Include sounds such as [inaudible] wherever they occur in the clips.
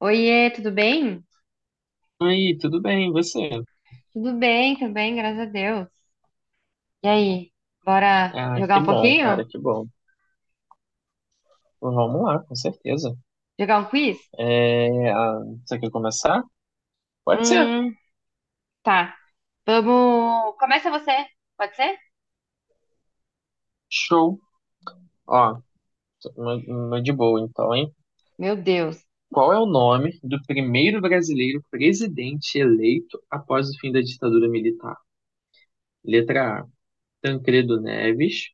Oiê, tudo bem? Oi, tudo bem, e você? Tudo bem também, graças a Deus. E aí, bora Ah, jogar que um bom, pouquinho? cara, que bom. Vamos lá, com certeza. Jogar um quiz? É, você quer começar? Pode ser. Hum, tá. Vamos. Começa você, pode ser? Show. Ó, uma de boa, então, hein? Meu Deus. Qual é o nome do primeiro brasileiro presidente eleito após o fim da ditadura militar? Letra A, Tancredo Neves,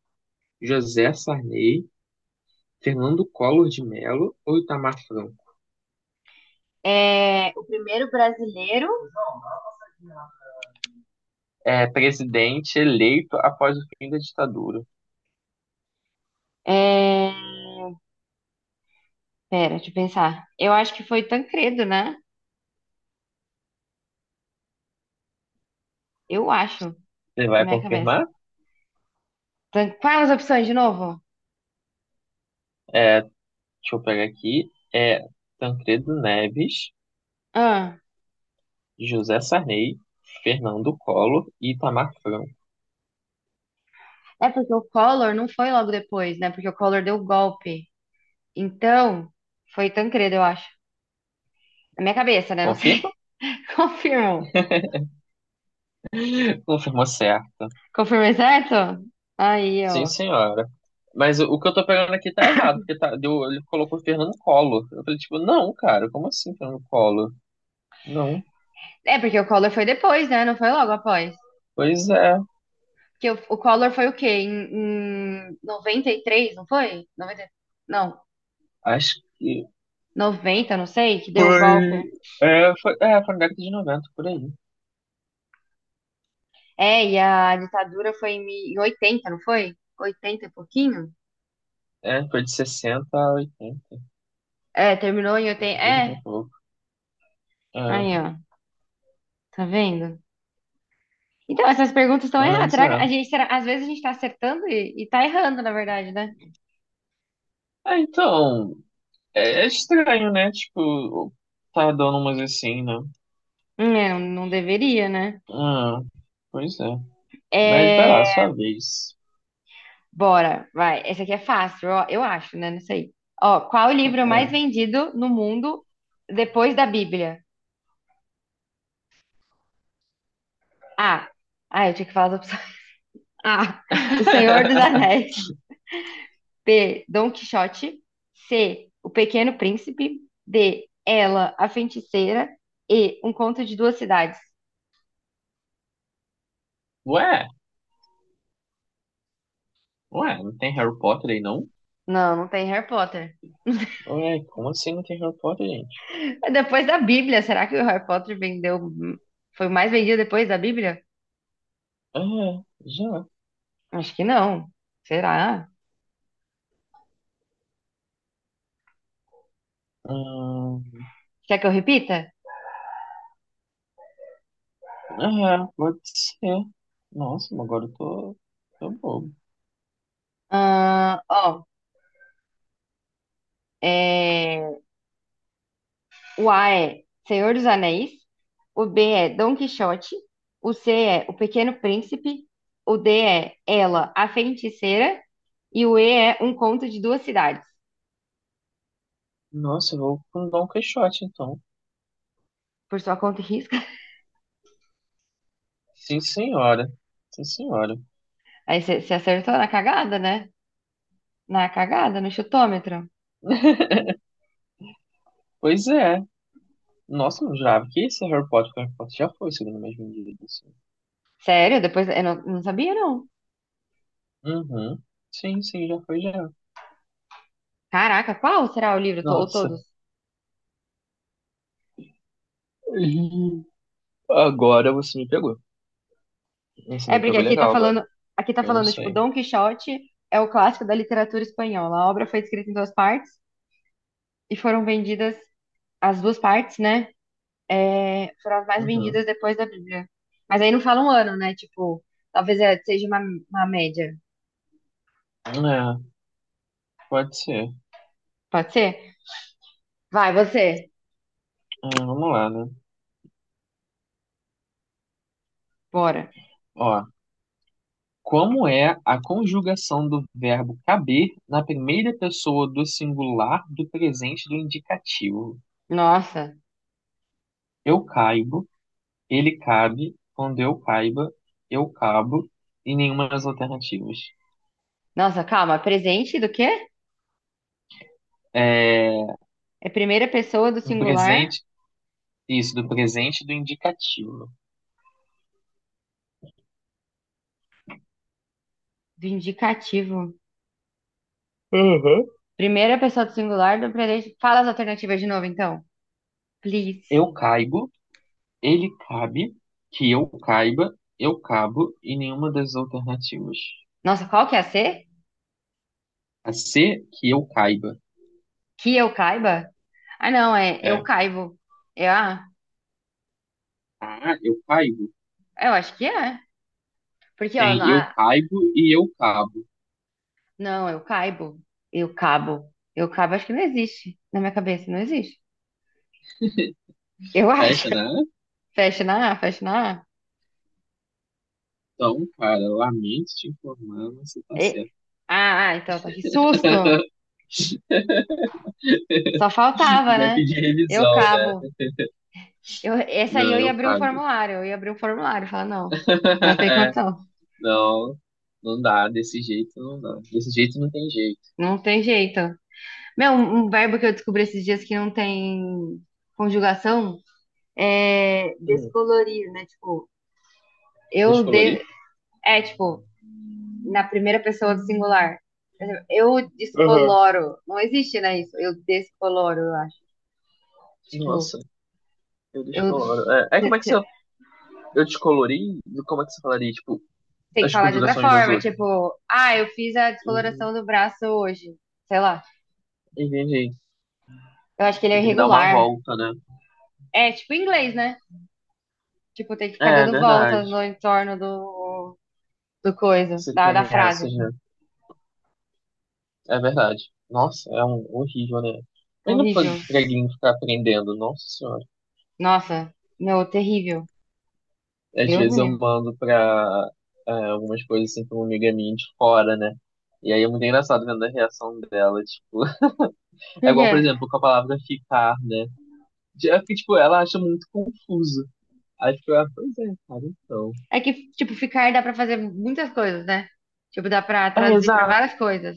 José Sarney, Fernando Collor de Mello ou Itamar Franco? É, o primeiro brasileiro. É, presidente eleito após o fim da ditadura. É... Pera, deixa eu pensar. Eu acho que foi Tancredo, né? Eu acho, Você na vai minha cabeça. confirmar? Quais as opções de novo? É, Deixa eu pegar aqui. É Tancredo Neves, Ah, José Sarney, Fernando Collor e Itamar Franco. é porque o Collor não foi logo depois, né? Porque o Collor deu o golpe. Então, foi Tancredo, eu acho. Na minha cabeça, né? Não sei. Confirma? [laughs] Confirmo. Confirmou certa. Confirmei certo? Aí, Sim, ó. senhora. Mas o que eu tô pegando aqui tá errado, porque tá, deu, ele colocou Fernando Collor. Eu falei, tipo, não, cara, como assim Fernando Collor? Não. É, porque o Collor foi depois, né? Não foi logo após. Pois é, Porque o Collor foi o quê? Em 93 não foi? Noventa não, acho que. 90 não sei, que deu o golpe. É, foi na década de 90 por aí. É, e a ditadura foi em 80 não foi? Oitenta e pouquinho? É, foi de 60 a 80, É, terminou em oitenta. 80 e pouco. Aí, É, ó. Tá vendo? Então, essas perguntas estão erradas. mas Será que é. a gente, será, às vezes a gente tá acertando e tá errando, na verdade, né? É, então, é, é estranho, né? Tipo, tá dando umas assim, né? Não, não deveria, né? Ah, pois é. Mas vai lá, É, sua vez. Bora, vai. Essa aqui é fácil, ó, eu acho, né? Não sei. Ó, qual o livro mais Ah. vendido no mundo depois da Bíblia? A. Ah, eu tinha que falar as opções. [laughs] A. O Senhor dos [laughs] Anéis. B. Dom Quixote. C. O Pequeno Príncipe. D. Ela, a Feiticeira. E. Um Conto de Duas Cidades. Ué, ué, não tem Harry Potter aí, não? Não, não tem Harry Potter. Ué, como assim não tem Harry Potter, gente? É depois da Bíblia. Será que o Harry Potter vendeu. Foi o mais vendido depois da Bíblia? Ah, já. Acho que não. Será? Hum, Quer que eu repita? ah, pode ser. Nossa, mas agora tô bobo. Ah, ó, é, o A é Senhor dos Anéis, o B é Dom Quixote, o C é O Pequeno Príncipe, o D é Ela, a Feiticeira, e o E é Um Conto de Duas Cidades. Nossa, eu vou com Dom Quixote, então. Por sua conta e risco. Sim, senhora. Sim, senhora. [laughs] Aí você acertou na cagada, né? Na cagada, no chutômetro. Pois é. Nossa, não jurava que esse Harry Potter já foi, segundo o mesmo dia. Sério? Depois eu não sabia, não. Uhum. Sim, sim, já foi já. Caraca, qual será o livro? Ou Nossa. todos? Ih, agora você me pegou. Você É me porque pegou legal agora. Aqui tá Eu não falando, tipo, sei. Dom Quixote é o clássico da literatura espanhola. A obra foi escrita em duas partes e foram vendidas as duas partes, né? Foram as mais vendidas Uhum. depois da Bíblia. Mas aí não fala um ano, né? Tipo, talvez seja uma média. É, pode ser. Pode ser? Vai, você. Ah, vamos lá, né? Bora. Ó, como é a conjugação do verbo caber na primeira pessoa do singular do presente do indicativo? Nossa. Eu caibo, ele cabe, quando eu caiba, eu cabo, e nenhuma das alternativas. Nossa, calma. Presente do quê? É, É primeira pessoa do no singular presente, isso, do presente do indicativo. do indicativo. Uhum. Primeira pessoa do singular do presente. Fala as alternativas de novo, então. Please. Eu caibo, ele cabe, que eu caiba, eu cabo e nenhuma das alternativas. Nossa, qual que é a C? A C, que eu caiba. Que eu caiba? Ah, não, é eu É. caibo. É a. A, eu caibo. Eu acho que é. Porque, ó, Tem eu a, caibo e eu cabo. Não, eu caibo. Eu cabo. Eu cabo, acho que não existe. Na minha cabeça, não existe. Eu acho. Fecha, né? [laughs] Fecha na A. Então, cara, lamento te informar, mas você tá E- certo. ah, então tá. Que susto! Só [laughs] faltava, Já né? pedi Eu revisão, né? cabo. Eu, essa aí Não, eu ia eu abrir o caibo. formulário. Eu ia abrir o formulário. Falar, não, não [laughs] tem É, condição. não, não dá. Desse jeito não dá. Desse jeito não tem jeito. Não tem jeito. Meu, um verbo que eu descobri esses dias que não tem conjugação é Hum, descolorir, né? Tipo, eu deixa de... É, tipo, na primeira pessoa do singular. Eu uhum. descoloro. Não existe, né, isso? Eu descoloro, eu acho. Tipo, Nossa, eu eu descoloro. É, aí como é que você eu descolori? Como é que você falaria? Tipo, tem que as falar de outra conjugações das forma, outras. tipo, ah, eu fiz a Uhum, descoloração do braço hoje. Sei lá. entendi. Eu acho que ele Você é tem que dar uma irregular. volta, né? É tipo inglês, né? Tipo, tem que ficar É, é dando verdade. voltas no entorno do coisa, Você da tem essas, frase. né? É verdade. Nossa, é um horrível, né? Mas não pra Horrível. preguinho ficar aprendendo, nossa senhora. Nossa, meu, terrível. Às Deus vezes me eu livre. mando pra é, algumas coisas assim pra uma amiga minha de fora, né? E aí é muito engraçado vendo a reação dela, tipo. [laughs] Por É igual, quê? por exemplo, com a palavra ficar, né? É porque, tipo, ela acha muito confuso. Aí fica, ah, pois é, cara, então. É que, tipo, ficar dá pra fazer muitas coisas, né? Tipo, dá pra É, traduzir pra exato, várias coisas.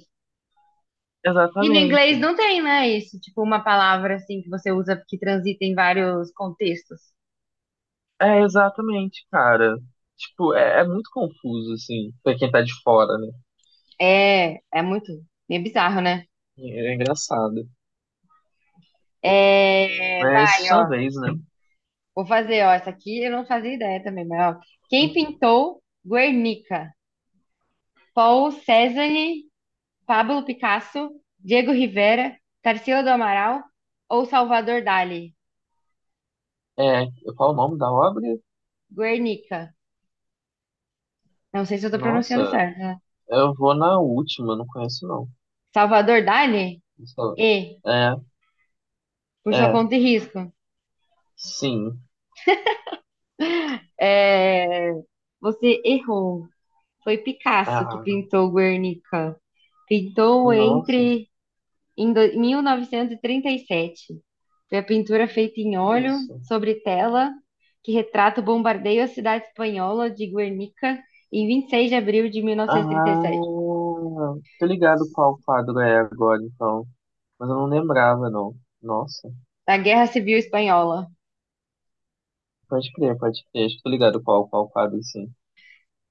E no exatamente. inglês não tem, né? Isso, tipo, uma palavra assim que você usa que transita em vários contextos. É, exatamente, cara. Tipo, é muito confuso, assim, pra quem tá de fora, né? É, muito, meio bizarro, né? É, engraçado. É, Mas vai, sua ó. vez, né? Vou fazer, ó. Essa aqui eu não fazia ideia também, mas ó. Quem Uhum. pintou Guernica? Paul Cézanne, Pablo Picasso, Diego Rivera, Tarsila do Amaral ou Salvador Dali? É, qual o nome da obra? Guernica. Não sei se eu tô Nossa, pronunciando certo, né? eu vou na última, não conheço não. Salvador Dali? Só- E, é, por sua é, conta e risco. sim. É, Você errou. Foi Picasso que Ah, pintou Guernica. Pintou nossa, entre 1937. Foi a pintura feita em que óleo isso? sobre tela que retrata o bombardeio à cidade espanhola de Guernica em 26 de abril de 1937, Ah, tô ligado qual quadro é agora, então. Mas eu não lembrava, não. Nossa. da Guerra Civil Espanhola. Pode crer, pode crer. Acho que tô ligado qual quadro, sim.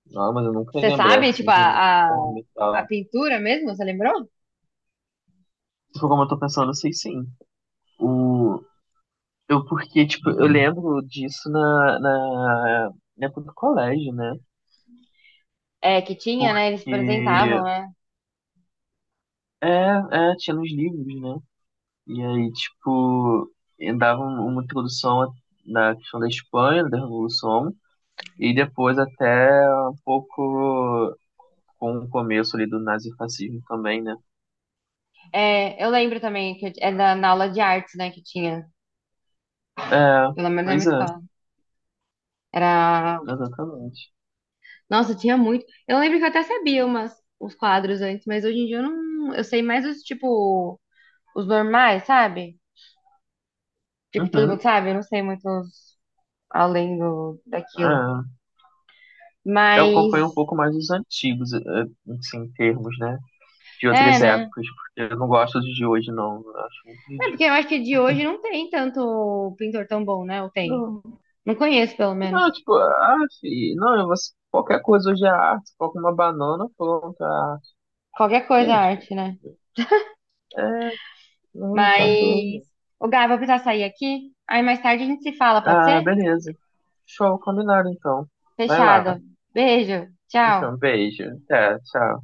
Não, mas eu nunca ia Você lembrar, sabe, assim, tipo, de um a, a, nome e a tal. pintura mesmo, você lembrou? Se for como eu tô pensando, eu sei sim. O... Eu, porque, tipo, eu lembro disso na época do colégio, né? É, que tinha, né? Eles Porque, apresentavam, né? é, é, tinha nos livros, né? E aí, tipo, eu dava um- uma introdução na questão da Espanha, da Revolução, e depois até um pouco com o começo ali do nazifascismo também, né? É, eu lembro também que da, na aula de artes, né, que tinha, É, pelo menos na pois minha é. escola. Era. Exatamente. Nossa, tinha muito. Eu lembro que eu até sabia umas, uns quadros antes, mas hoje em dia eu não. Eu sei mais os, tipo, os normais, sabe? Tipo, todo mundo Uhum. sabe? Eu não sei muito além do, daquilo. É, eu acompanho um Mas. pouco mais os antigos, eh, assim, em termos, né? De É, outras né? épocas, porque eu não gosto dos de hoje, não. Eu acho muito É, porque eu ridículo. acho que de hoje não tem tanto pintor tão bom, né? Ou tem? Não, Não conheço, pelo menos. não, tipo, ah, fi, não, você, qualquer coisa hoje é arte, coloca uma banana, pronto, é arte. Qualquer coisa é Gente, arte, né? é, não, tá Mas, doido. ô Gá, eu vou precisar sair aqui. Aí mais tarde a gente se fala, pode Ah, ser? beleza. Show, combinado então. Vai lá. Fechado. Beijo. Tchau. Então, beijo. Até, tchau.